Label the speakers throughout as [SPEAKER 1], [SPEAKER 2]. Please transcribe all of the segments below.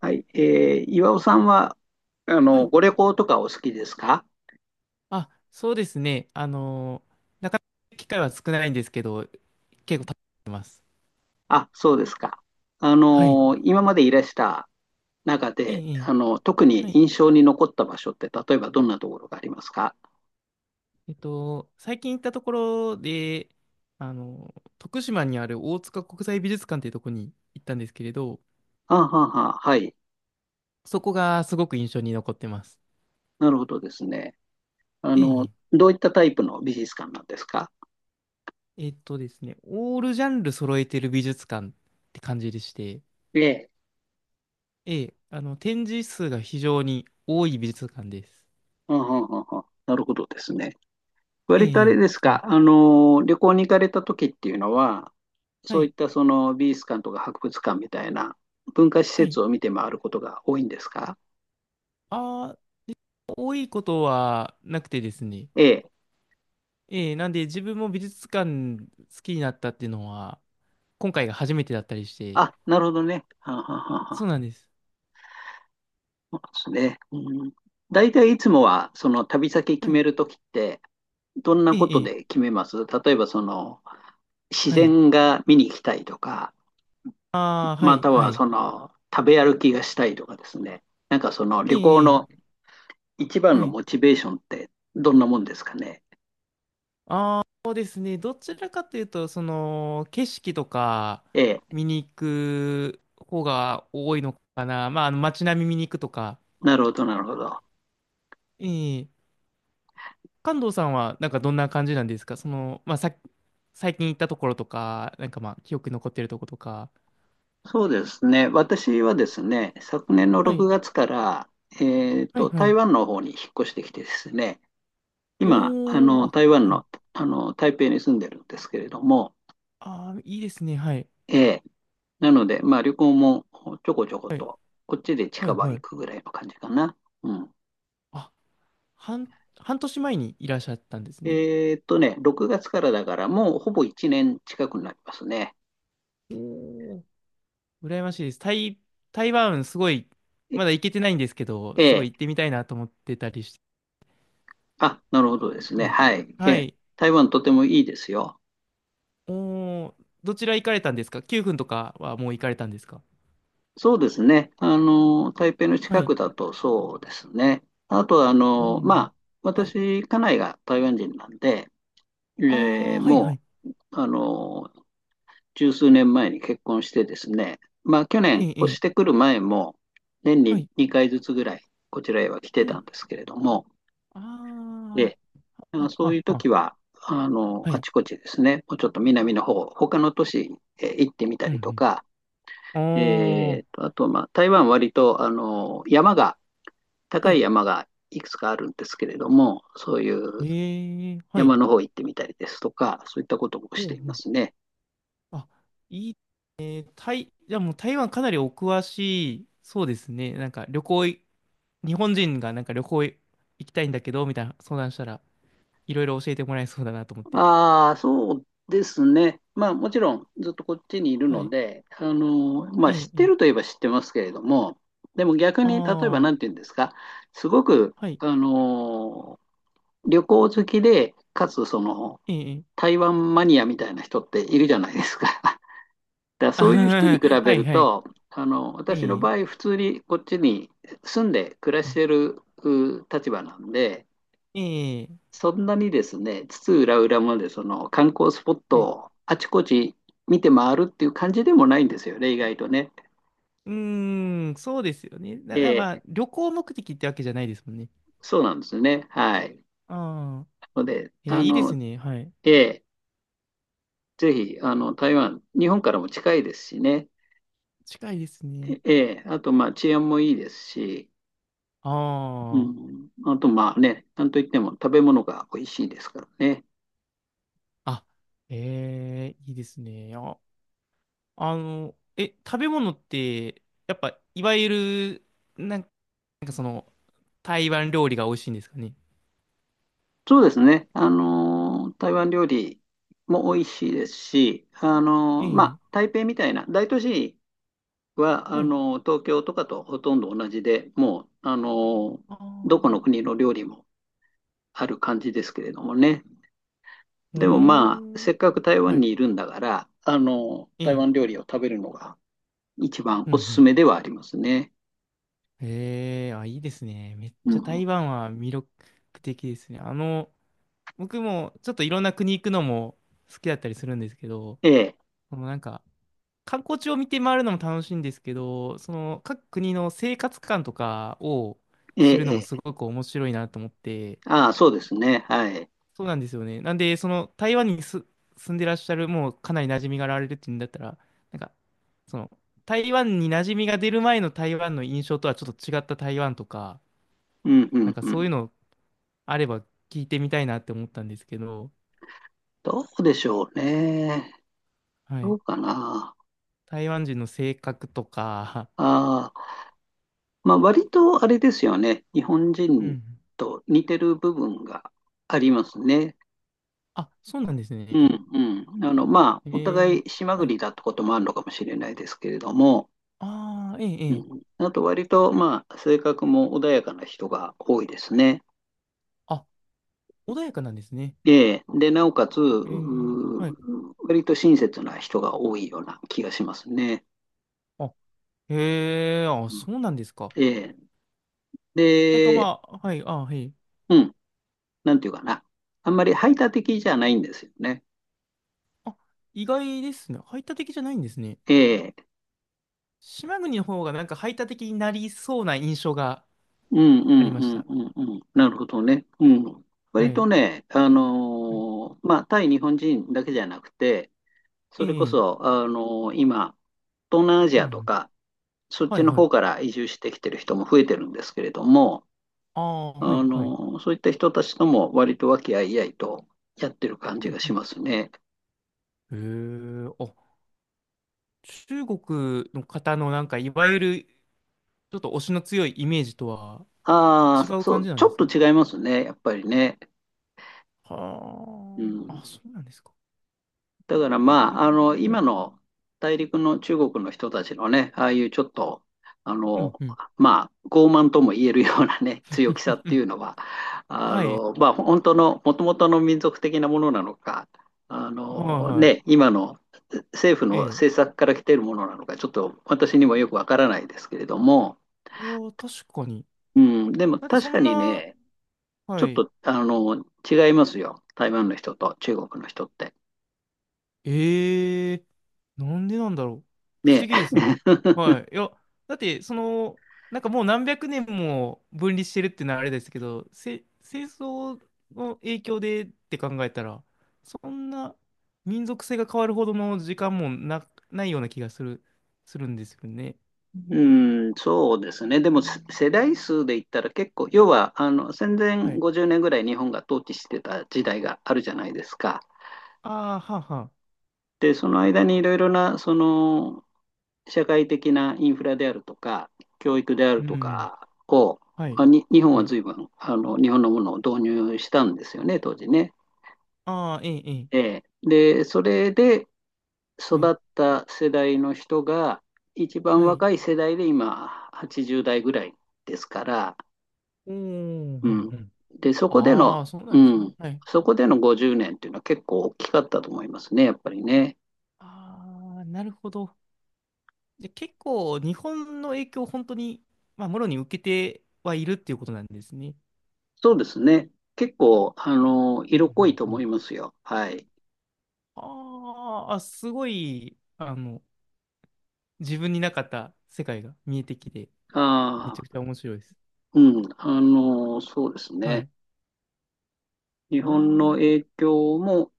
[SPEAKER 1] はい。岩尾さんは、
[SPEAKER 2] はい。
[SPEAKER 1] ご旅行とかお好きですか？
[SPEAKER 2] あ、そうですね。なかなか機会は少ないんですけど、結構食べてます。
[SPEAKER 1] あ、そうですか。
[SPEAKER 2] はい。
[SPEAKER 1] 今までいらした中
[SPEAKER 2] ええ、
[SPEAKER 1] で、
[SPEAKER 2] ええ、
[SPEAKER 1] 特
[SPEAKER 2] は
[SPEAKER 1] に
[SPEAKER 2] い。
[SPEAKER 1] 印象に残った場所って、例えばどんなところがありますか？
[SPEAKER 2] 最近行ったところで、あの徳島にある大塚国際美術館っていうところに行ったんですけれど、
[SPEAKER 1] あははは、はい。
[SPEAKER 2] そこがすごく印象に残ってます。
[SPEAKER 1] なるほどですね。あ
[SPEAKER 2] ええ、
[SPEAKER 1] の、
[SPEAKER 2] え
[SPEAKER 1] どういったタイプの美術館なんですか？
[SPEAKER 2] え、えっとですね、オールジャンル揃えてる美術館って感じでして、
[SPEAKER 1] ええ。
[SPEAKER 2] ええ、あの、展示数が非常に多い美術館です。
[SPEAKER 1] あははは、なるほどですね。
[SPEAKER 2] え
[SPEAKER 1] 割とあ
[SPEAKER 2] え、え
[SPEAKER 1] れ
[SPEAKER 2] え、
[SPEAKER 1] です
[SPEAKER 2] そうなん、
[SPEAKER 1] か、旅行に行かれた時っていうのは、
[SPEAKER 2] は
[SPEAKER 1] そうい
[SPEAKER 2] い。
[SPEAKER 1] ったその美術館とか博物館みたいな文化施
[SPEAKER 2] は
[SPEAKER 1] 設
[SPEAKER 2] い。
[SPEAKER 1] を見て回ることが多いんですか？
[SPEAKER 2] あ、多いことはなくてですね。
[SPEAKER 1] ええ。
[SPEAKER 2] ええ、なんで自分も美術館好きになったっていうのは、今回が初めてだったりして。
[SPEAKER 1] あ、なるほどね。はんはんはんは
[SPEAKER 2] そうな
[SPEAKER 1] ん。
[SPEAKER 2] んです。
[SPEAKER 1] そうですね。うん、大体いつもは、その旅先決
[SPEAKER 2] はい。
[SPEAKER 1] める時って、どんな
[SPEAKER 2] え
[SPEAKER 1] こと
[SPEAKER 2] え、え
[SPEAKER 1] で
[SPEAKER 2] え、
[SPEAKER 1] 決めます？例えば、自
[SPEAKER 2] はい。
[SPEAKER 1] 然が見に行きたいとか、
[SPEAKER 2] ああ、は
[SPEAKER 1] ま
[SPEAKER 2] い、
[SPEAKER 1] た
[SPEAKER 2] は
[SPEAKER 1] は、
[SPEAKER 2] い。
[SPEAKER 1] 食べ歩きがしたいとかですね。なんかその
[SPEAKER 2] え
[SPEAKER 1] 旅行
[SPEAKER 2] え、え
[SPEAKER 1] の
[SPEAKER 2] え、
[SPEAKER 1] 一番
[SPEAKER 2] は
[SPEAKER 1] の
[SPEAKER 2] い。
[SPEAKER 1] モチベーションってどんなもんですかね。
[SPEAKER 2] ああ、そうですね。どちらかというと、その、景色とか
[SPEAKER 1] ええ、
[SPEAKER 2] 見に行く方が多いのかな。まあ、あの街並み見に行くとか。
[SPEAKER 1] なるほど、なるほど。
[SPEAKER 2] ええ、関東さんはなんかどんな感じなんですか、その、まあ、さ、最近行ったところとか、なんかまあ記憶に残ってるとことか。
[SPEAKER 1] そうですね。私はですね、昨年の
[SPEAKER 2] は
[SPEAKER 1] 6
[SPEAKER 2] い、
[SPEAKER 1] 月から、えっ
[SPEAKER 2] はい、
[SPEAKER 1] と、
[SPEAKER 2] は
[SPEAKER 1] 台
[SPEAKER 2] い。
[SPEAKER 1] 湾の方に引っ越してきてですね、今、
[SPEAKER 2] おー、あ、
[SPEAKER 1] 台湾
[SPEAKER 2] はい。
[SPEAKER 1] の、台北に住んでるんですけれども、
[SPEAKER 2] あー、いいですね。はい、
[SPEAKER 1] ええ、なので、まあ、旅行もちょこちょこ
[SPEAKER 2] はい、
[SPEAKER 1] と、こっちで
[SPEAKER 2] はい、
[SPEAKER 1] 近場
[SPEAKER 2] は
[SPEAKER 1] 行
[SPEAKER 2] い。
[SPEAKER 1] くぐらいの感じかな。うん。
[SPEAKER 2] あ、半、半年前にいらっしゃったんですね。
[SPEAKER 1] えっとね、6月からだから、もうほぼ1年近くになりますね。
[SPEAKER 2] おー、羨ましいです。台、台湾すごい、まだ行けてないんですけど、すご
[SPEAKER 1] え
[SPEAKER 2] い行っ
[SPEAKER 1] え、
[SPEAKER 2] てみたいなと思ってたりして。
[SPEAKER 1] あ、なるほどです
[SPEAKER 2] い
[SPEAKER 1] ね。
[SPEAKER 2] いですね、
[SPEAKER 1] はい。え
[SPEAKER 2] は
[SPEAKER 1] え、
[SPEAKER 2] い。
[SPEAKER 1] 台湾とてもいいですよ。
[SPEAKER 2] おー、どちら行かれたんですか？ 9 分とかはもう行かれたんですか？
[SPEAKER 1] そうですね。台北の
[SPEAKER 2] は
[SPEAKER 1] 近
[SPEAKER 2] い。
[SPEAKER 1] くだとそうですね。あとは、
[SPEAKER 2] おー。
[SPEAKER 1] まあ、
[SPEAKER 2] はい、
[SPEAKER 1] 私、家内が台湾人なんで、
[SPEAKER 2] あ
[SPEAKER 1] えー
[SPEAKER 2] あ、はい、は
[SPEAKER 1] も
[SPEAKER 2] い。
[SPEAKER 1] う、十数年前に結婚してですね、まあ、去
[SPEAKER 2] え
[SPEAKER 1] 年、
[SPEAKER 2] え、え
[SPEAKER 1] 越し
[SPEAKER 2] え、
[SPEAKER 1] てくる前も、年
[SPEAKER 2] は
[SPEAKER 1] に
[SPEAKER 2] い。
[SPEAKER 1] 2回ずつぐらい、こちらへは来
[SPEAKER 2] う
[SPEAKER 1] てた
[SPEAKER 2] ん。
[SPEAKER 1] んですけれども、え
[SPEAKER 2] あ
[SPEAKER 1] え、
[SPEAKER 2] あ、
[SPEAKER 1] まあ
[SPEAKER 2] あ、
[SPEAKER 1] そうい
[SPEAKER 2] あ、
[SPEAKER 1] う
[SPEAKER 2] あ、
[SPEAKER 1] 時は、
[SPEAKER 2] は
[SPEAKER 1] あ
[SPEAKER 2] い。
[SPEAKER 1] ちこちですね、もうちょっと南の方、他の都市へ行ってみた
[SPEAKER 2] う
[SPEAKER 1] りと
[SPEAKER 2] ん、
[SPEAKER 1] か、
[SPEAKER 2] うん。あ
[SPEAKER 1] あと、まあ、台湾割と、山が、
[SPEAKER 2] あ、
[SPEAKER 1] 高
[SPEAKER 2] は
[SPEAKER 1] い
[SPEAKER 2] い。
[SPEAKER 1] 山がいくつかあるんですけれども、そういう
[SPEAKER 2] ええ、はい。
[SPEAKER 1] 山の方行ってみたりですとか、そういったことも
[SPEAKER 2] うん、
[SPEAKER 1] し
[SPEAKER 2] う
[SPEAKER 1] ていま
[SPEAKER 2] ん。
[SPEAKER 1] すね。
[SPEAKER 2] あ、いいね。台、じゃあもう台湾かなりお詳しい、そうですね。なんか旅行い、日本人がなんか旅行い、行きたいんだけど、みたいな相談したら、いろいろ教えてもらえそうだなと思って。
[SPEAKER 1] ああ、そうですね。まあ、もちろんずっとこっちにいる
[SPEAKER 2] は
[SPEAKER 1] の
[SPEAKER 2] い。
[SPEAKER 1] で、ま
[SPEAKER 2] え
[SPEAKER 1] あ、
[SPEAKER 2] え、
[SPEAKER 1] 知
[SPEAKER 2] え
[SPEAKER 1] って
[SPEAKER 2] え。
[SPEAKER 1] るといえば知ってますけれども、でも逆
[SPEAKER 2] あ
[SPEAKER 1] に、例えば
[SPEAKER 2] あ、
[SPEAKER 1] 何て言うんですか、すごく、
[SPEAKER 2] はい。
[SPEAKER 1] あの、旅行好きで、かつその、
[SPEAKER 2] ええ、ええ。
[SPEAKER 1] 台湾マニアみたいな人っているじゃないですか。だから
[SPEAKER 2] あ
[SPEAKER 1] そういう
[SPEAKER 2] はは
[SPEAKER 1] 人に比
[SPEAKER 2] は、は
[SPEAKER 1] べ
[SPEAKER 2] い、
[SPEAKER 1] る
[SPEAKER 2] はい。
[SPEAKER 1] と、私
[SPEAKER 2] え
[SPEAKER 1] の
[SPEAKER 2] え、
[SPEAKER 1] 場合、普通にこっちに住んで暮ら
[SPEAKER 2] う
[SPEAKER 1] し
[SPEAKER 2] ん、
[SPEAKER 1] てる立場なんで、
[SPEAKER 2] ええ、
[SPEAKER 1] そんなにですね、津々浦々までその観光スポッ
[SPEAKER 2] は
[SPEAKER 1] ト
[SPEAKER 2] い、
[SPEAKER 1] をあちこち見て回るっていう感じでもないんですよね、意外とね。
[SPEAKER 2] うーん、そうですよね。だ、だ、
[SPEAKER 1] え
[SPEAKER 2] ま
[SPEAKER 1] ー
[SPEAKER 2] あ、旅行目的ってわけじゃないですもんね。
[SPEAKER 1] そうなんですね。はい。
[SPEAKER 2] ああ、
[SPEAKER 1] なので、
[SPEAKER 2] えー、いいですね。はい。
[SPEAKER 1] えーぜひ、台湾、日本からも近いですしね。
[SPEAKER 2] 近いですね。
[SPEAKER 1] えーあと、まあ、治安もいいですし、う
[SPEAKER 2] あ
[SPEAKER 1] ん、あと、まあね、なんといっても食べ物が美味しいですからね。
[SPEAKER 2] あ、あ、えー、いいですね。あ、あの、え、食べ物って、やっぱ、いわゆる、なんかその、台湾料理が美味しいんですかね。
[SPEAKER 1] そうですね。台湾料理も美味しいですし、
[SPEAKER 2] え
[SPEAKER 1] まあ、
[SPEAKER 2] え、
[SPEAKER 1] 台北みたいな大都市は、
[SPEAKER 2] はい。
[SPEAKER 1] 東京とかとほとんど同じで、もう、ー、
[SPEAKER 2] あ
[SPEAKER 1] どこの
[SPEAKER 2] あ、
[SPEAKER 1] 国の料理もある感じですけれどもね。
[SPEAKER 2] うー
[SPEAKER 1] でもまあ、
[SPEAKER 2] ん。
[SPEAKER 1] せっかく台
[SPEAKER 2] は
[SPEAKER 1] 湾
[SPEAKER 2] い。
[SPEAKER 1] にいるんだから、
[SPEAKER 2] え
[SPEAKER 1] 台
[SPEAKER 2] え、
[SPEAKER 1] 湾料理を食べるのが一番
[SPEAKER 2] うんう
[SPEAKER 1] おすす
[SPEAKER 2] ん。
[SPEAKER 1] めではありますね。
[SPEAKER 2] ええ、あ、いいですね。めっ
[SPEAKER 1] う
[SPEAKER 2] ちゃ台
[SPEAKER 1] ん。
[SPEAKER 2] 湾は魅力的ですね。あの、僕もちょっといろんな国行くのも好きだったりするんですけど、
[SPEAKER 1] ええ、
[SPEAKER 2] そのなんか観光地を見て回るのも楽しいんですけど、その各国の生活感とかを
[SPEAKER 1] え
[SPEAKER 2] 知るの
[SPEAKER 1] え、
[SPEAKER 2] も
[SPEAKER 1] え、
[SPEAKER 2] すごく面白いなと思って、
[SPEAKER 1] ああ、そうですね。はい。
[SPEAKER 2] そうなんですよね。なんで、その台湾にす、住んでらっしゃる、もうかなり馴染みがあられるっていうんだったら、なんか、その台湾に馴染みが出る前の台湾の印象とはちょっと違った台湾とか、
[SPEAKER 1] うん、う
[SPEAKER 2] なん
[SPEAKER 1] ん、
[SPEAKER 2] か
[SPEAKER 1] う
[SPEAKER 2] そうい
[SPEAKER 1] ん。
[SPEAKER 2] うのあれば聞いてみたいなって思ったんですけど、
[SPEAKER 1] どうでしょうね。
[SPEAKER 2] は
[SPEAKER 1] ど
[SPEAKER 2] い。
[SPEAKER 1] うかな。
[SPEAKER 2] 台湾人の性格とか、
[SPEAKER 1] ああ、まあ、割とあれですよね。日本
[SPEAKER 2] う
[SPEAKER 1] 人
[SPEAKER 2] ん。
[SPEAKER 1] と似てる部分がありますね。
[SPEAKER 2] あ、そうなんです
[SPEAKER 1] う
[SPEAKER 2] ね。
[SPEAKER 1] ん、うん。まあ、
[SPEAKER 2] え
[SPEAKER 1] お互
[SPEAKER 2] ー、
[SPEAKER 1] い島
[SPEAKER 2] はい。
[SPEAKER 1] 国だってこともあるのかもしれないですけれども、
[SPEAKER 2] ああ、ええ、
[SPEAKER 1] う
[SPEAKER 2] ええ。
[SPEAKER 1] ん、あと割と、まあ、性格も穏やかな人が多いですね。
[SPEAKER 2] あ、穏やかなんですね。
[SPEAKER 1] で、で、なおかつ、う
[SPEAKER 2] えー、はい。
[SPEAKER 1] ー割と親切な人が多いような気がしますね。
[SPEAKER 2] あ、へえ、あ、
[SPEAKER 1] う
[SPEAKER 2] そうなんですか。
[SPEAKER 1] んええ
[SPEAKER 2] なんか
[SPEAKER 1] で、
[SPEAKER 2] まあ、はい、あ、はい。
[SPEAKER 1] うん、なんていうかな。あんまり排他的じゃないんですよね。
[SPEAKER 2] あ、意外ですね。排他的じゃないんですね。
[SPEAKER 1] ええ、
[SPEAKER 2] 島国の方がなんか排他的になりそうな印象が
[SPEAKER 1] うんう
[SPEAKER 2] あり
[SPEAKER 1] ん
[SPEAKER 2] まし
[SPEAKER 1] うん
[SPEAKER 2] た。
[SPEAKER 1] うんうん。なるほどね。うん。
[SPEAKER 2] は
[SPEAKER 1] 割と
[SPEAKER 2] い。
[SPEAKER 1] ね、
[SPEAKER 2] はい、
[SPEAKER 1] まあ、対日本人だけじゃなくて、
[SPEAKER 2] え
[SPEAKER 1] それこ
[SPEAKER 2] え、
[SPEAKER 1] そ、今、東南アジ
[SPEAKER 2] う
[SPEAKER 1] アと
[SPEAKER 2] ん。
[SPEAKER 1] か、そっ
[SPEAKER 2] は
[SPEAKER 1] ち
[SPEAKER 2] い、
[SPEAKER 1] の
[SPEAKER 2] はい。
[SPEAKER 1] 方から移住してきてる人も増えてるんですけれども、
[SPEAKER 2] ああ、はい、はい。
[SPEAKER 1] そういった人たちとも割と和気あいあいとやってる感
[SPEAKER 2] う
[SPEAKER 1] じ
[SPEAKER 2] ん、
[SPEAKER 1] がし
[SPEAKER 2] う
[SPEAKER 1] ますね。
[SPEAKER 2] ん。へえ、あ、中国の方のなんか、いわゆるちょっと推しの強いイメージとは
[SPEAKER 1] あ
[SPEAKER 2] 違
[SPEAKER 1] あ、
[SPEAKER 2] う
[SPEAKER 1] そ
[SPEAKER 2] 感じ
[SPEAKER 1] う、
[SPEAKER 2] なん
[SPEAKER 1] ち
[SPEAKER 2] で
[SPEAKER 1] ょっ
[SPEAKER 2] す
[SPEAKER 1] と
[SPEAKER 2] ね。
[SPEAKER 1] 違いますね、やっぱりね。う
[SPEAKER 2] はあ、あ、
[SPEAKER 1] ん、
[SPEAKER 2] そうなんですか。
[SPEAKER 1] だからま
[SPEAKER 2] い、
[SPEAKER 1] あ、
[SPEAKER 2] は
[SPEAKER 1] 今
[SPEAKER 2] い。
[SPEAKER 1] の大陸の中国の人たちのね、ああいうちょっと、あ
[SPEAKER 2] うん、
[SPEAKER 1] の、
[SPEAKER 2] うん、
[SPEAKER 1] まあ、傲慢とも言えるようなね、
[SPEAKER 2] う
[SPEAKER 1] 強気さ
[SPEAKER 2] ん
[SPEAKER 1] っ
[SPEAKER 2] う
[SPEAKER 1] てい
[SPEAKER 2] ん。
[SPEAKER 1] うのは、まあ、本当の、もともとの民族的なものなのか、
[SPEAKER 2] はい、
[SPEAKER 1] ね、
[SPEAKER 2] は
[SPEAKER 1] 今の政府
[SPEAKER 2] い。え
[SPEAKER 1] の
[SPEAKER 2] え。
[SPEAKER 1] 政策から来ているものなのか、ちょっと私にもよくわからないですけれども、
[SPEAKER 2] いやー、確かに。
[SPEAKER 1] うん、でも
[SPEAKER 2] だってそ
[SPEAKER 1] 確か
[SPEAKER 2] ん
[SPEAKER 1] に
[SPEAKER 2] な、
[SPEAKER 1] ね、ちょ
[SPEAKER 2] は
[SPEAKER 1] っ
[SPEAKER 2] い。
[SPEAKER 1] と、違いますよ。台湾の人と中国の人って。
[SPEAKER 2] ええ、なんでなんだろう。不思
[SPEAKER 1] ね。
[SPEAKER 2] 議ですね。はい。いや、だって、その、なんかもう何百年も分離してるっていうのはあれですけど、せ、戦争の影響でって考えたら、そんな民族性が変わるほどの時間もな、ないような気がする、するんですよね。
[SPEAKER 1] うん、そうですね。でもせ世代数で言ったら結構、要はあの戦前
[SPEAKER 2] はい。
[SPEAKER 1] 50年ぐらい日本が統治してた時代があるじゃないですか。
[SPEAKER 2] ああ、はあ、はあ。
[SPEAKER 1] で、その間にいろいろなその社会的なインフラであるとか、教育である
[SPEAKER 2] う
[SPEAKER 1] と
[SPEAKER 2] ん。
[SPEAKER 1] かを、
[SPEAKER 2] はい。
[SPEAKER 1] まあ、に日本
[SPEAKER 2] は
[SPEAKER 1] は
[SPEAKER 2] い。
[SPEAKER 1] 随分あの日本のものを導入したんですよね、当時ね。
[SPEAKER 2] ああ、ええ、ええ。
[SPEAKER 1] ええで、それで
[SPEAKER 2] は
[SPEAKER 1] 育
[SPEAKER 2] い。
[SPEAKER 1] った世代の人が、一番
[SPEAKER 2] はい。
[SPEAKER 1] 若い世代で今、80代ぐらいですから、
[SPEAKER 2] おー、うん、
[SPEAKER 1] うん。
[SPEAKER 2] うん。
[SPEAKER 1] で、そこで
[SPEAKER 2] あ
[SPEAKER 1] の、
[SPEAKER 2] あ、そうな
[SPEAKER 1] う
[SPEAKER 2] んですね。
[SPEAKER 1] ん、
[SPEAKER 2] はい。
[SPEAKER 1] そこでの50年っていうのは結構大きかったと思いますね、やっぱりね。
[SPEAKER 2] ああ、なるほど。じゃあ結構日本の影響を本当に、まあ、もろに受けてはいるっていうことなんですね。
[SPEAKER 1] そうですね。結構、
[SPEAKER 2] うんう
[SPEAKER 1] 色濃い
[SPEAKER 2] ん
[SPEAKER 1] と
[SPEAKER 2] う
[SPEAKER 1] 思
[SPEAKER 2] ん。
[SPEAKER 1] いますよ。はい。
[SPEAKER 2] あーあ、すごい、あの、自分になかった世界が見えてきて、めちゃ
[SPEAKER 1] あ
[SPEAKER 2] く
[SPEAKER 1] あ、
[SPEAKER 2] ちゃ面白いです。
[SPEAKER 1] うん、そうです
[SPEAKER 2] はい。
[SPEAKER 1] ね。
[SPEAKER 2] う
[SPEAKER 1] 日
[SPEAKER 2] ー
[SPEAKER 1] 本の
[SPEAKER 2] ん。
[SPEAKER 1] 影響も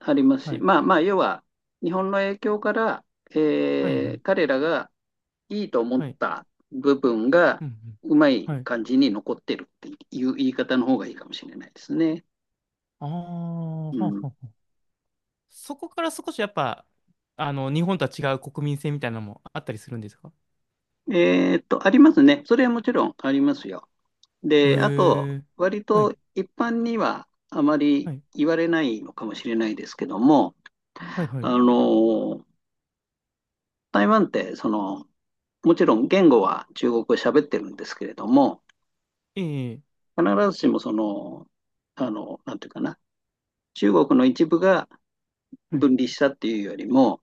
[SPEAKER 1] あります
[SPEAKER 2] は
[SPEAKER 1] し、
[SPEAKER 2] い。
[SPEAKER 1] まあまあ、要は、日本の影響から、
[SPEAKER 2] はい、は
[SPEAKER 1] え
[SPEAKER 2] い、
[SPEAKER 1] ー彼らがいいと思っ
[SPEAKER 2] はい。
[SPEAKER 1] た部分が、
[SPEAKER 2] うん、うん。
[SPEAKER 1] うまい
[SPEAKER 2] はい。
[SPEAKER 1] 感じに残ってるっていう言い方の方がいいかもしれないですね。
[SPEAKER 2] ああ、は
[SPEAKER 1] う
[SPEAKER 2] あはあ
[SPEAKER 1] ん、
[SPEAKER 2] はあ、そこから少しやっぱ、あの、日本とは違う国民性みたいなのもあったりするんですか？
[SPEAKER 1] えーっと、ありますね。それはもちろんありますよ。
[SPEAKER 2] へ
[SPEAKER 1] で、あと、
[SPEAKER 2] え。
[SPEAKER 1] 割
[SPEAKER 2] はい、
[SPEAKER 1] と一般にはあまり
[SPEAKER 2] はい、
[SPEAKER 1] 言われないのかもしれないですけども、
[SPEAKER 2] はい、は
[SPEAKER 1] あ
[SPEAKER 2] い。
[SPEAKER 1] の、台湾って、もちろん言語は中国語喋ってるんですけれども、
[SPEAKER 2] ええ、
[SPEAKER 1] 必ずしもその、なんていうかな、中国の一部が
[SPEAKER 2] はい。
[SPEAKER 1] 分離したっていうよりも、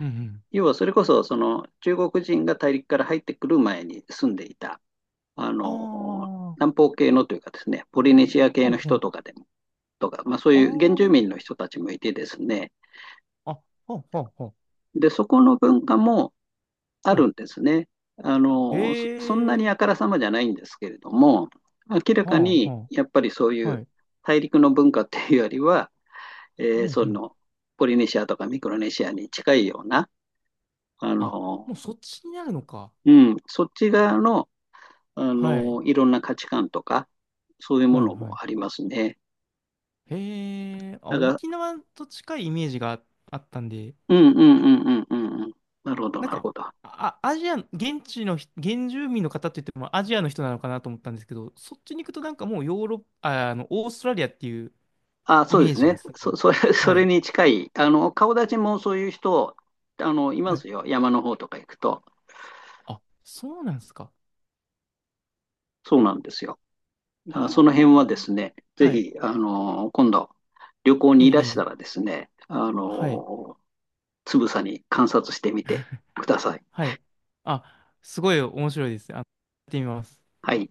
[SPEAKER 2] うん、うん。
[SPEAKER 1] 要はそれこそその中国人が大陸から入ってくる前に住んでいたあ
[SPEAKER 2] あ
[SPEAKER 1] の、
[SPEAKER 2] あ、ほ
[SPEAKER 1] 南方系のというかですね、ポリネシア系
[SPEAKER 2] ん
[SPEAKER 1] の
[SPEAKER 2] ほ
[SPEAKER 1] 人
[SPEAKER 2] ん。
[SPEAKER 1] とかでも、とか、まあそういう原住民の人たちもいてですね、
[SPEAKER 2] ああ、あ、ほんほんほん。
[SPEAKER 1] で、そこの文化もあ
[SPEAKER 2] は
[SPEAKER 1] る
[SPEAKER 2] い。
[SPEAKER 1] んですね。そんなに
[SPEAKER 2] え
[SPEAKER 1] あか
[SPEAKER 2] え、
[SPEAKER 1] らさまじゃないんですけれども、明ら
[SPEAKER 2] は
[SPEAKER 1] か
[SPEAKER 2] あ、
[SPEAKER 1] に
[SPEAKER 2] は
[SPEAKER 1] やっぱりそう
[SPEAKER 2] あ、
[SPEAKER 1] い
[SPEAKER 2] は
[SPEAKER 1] う
[SPEAKER 2] い。
[SPEAKER 1] 大陸の文化っていうよりは、
[SPEAKER 2] う
[SPEAKER 1] えー
[SPEAKER 2] ん
[SPEAKER 1] そ
[SPEAKER 2] うん。
[SPEAKER 1] のポリネシアとかミクロネシアに近いような、あ
[SPEAKER 2] あ、
[SPEAKER 1] の、
[SPEAKER 2] もうそっちになるのか。
[SPEAKER 1] うん、そっち側の、
[SPEAKER 2] はい、
[SPEAKER 1] いろんな価値観とか、そういうも
[SPEAKER 2] はい、
[SPEAKER 1] の
[SPEAKER 2] はい。
[SPEAKER 1] もありますね。
[SPEAKER 2] へえ、あ、
[SPEAKER 1] だか
[SPEAKER 2] 沖
[SPEAKER 1] ら
[SPEAKER 2] 縄と近いイメージがああったんで、
[SPEAKER 1] うんうんうんうんうんうん。なるほど、
[SPEAKER 2] なん
[SPEAKER 1] なる
[SPEAKER 2] か、
[SPEAKER 1] ほど。
[SPEAKER 2] あ、アジア、現地の人、現住民の方って言ってもアジアの人なのかなと思ったんですけど、そっちに行くとなんかもうヨーロッパ、あ、あの、オーストラリアっていう
[SPEAKER 1] あ、
[SPEAKER 2] イ
[SPEAKER 1] そうで
[SPEAKER 2] メー
[SPEAKER 1] す
[SPEAKER 2] ジが
[SPEAKER 1] ね。
[SPEAKER 2] すごい。
[SPEAKER 1] そ
[SPEAKER 2] は
[SPEAKER 1] れ
[SPEAKER 2] い、
[SPEAKER 1] に近い。顔立ちもそういう人、いま
[SPEAKER 2] はい。
[SPEAKER 1] すよ。山の方とか行くと。
[SPEAKER 2] あ、そうなんですか。
[SPEAKER 1] そうなんですよ。だ
[SPEAKER 2] へ
[SPEAKER 1] からその辺はで
[SPEAKER 2] え。
[SPEAKER 1] すね、ぜ
[SPEAKER 2] はい、
[SPEAKER 1] ひ、今度、旅行
[SPEAKER 2] え
[SPEAKER 1] にいらし
[SPEAKER 2] え、
[SPEAKER 1] たら
[SPEAKER 2] ええ、
[SPEAKER 1] ですね、
[SPEAKER 2] はい、
[SPEAKER 1] つぶさに観察してみてください。
[SPEAKER 2] はい。あ、すごい面白いです。あの、やってみます。
[SPEAKER 1] はい。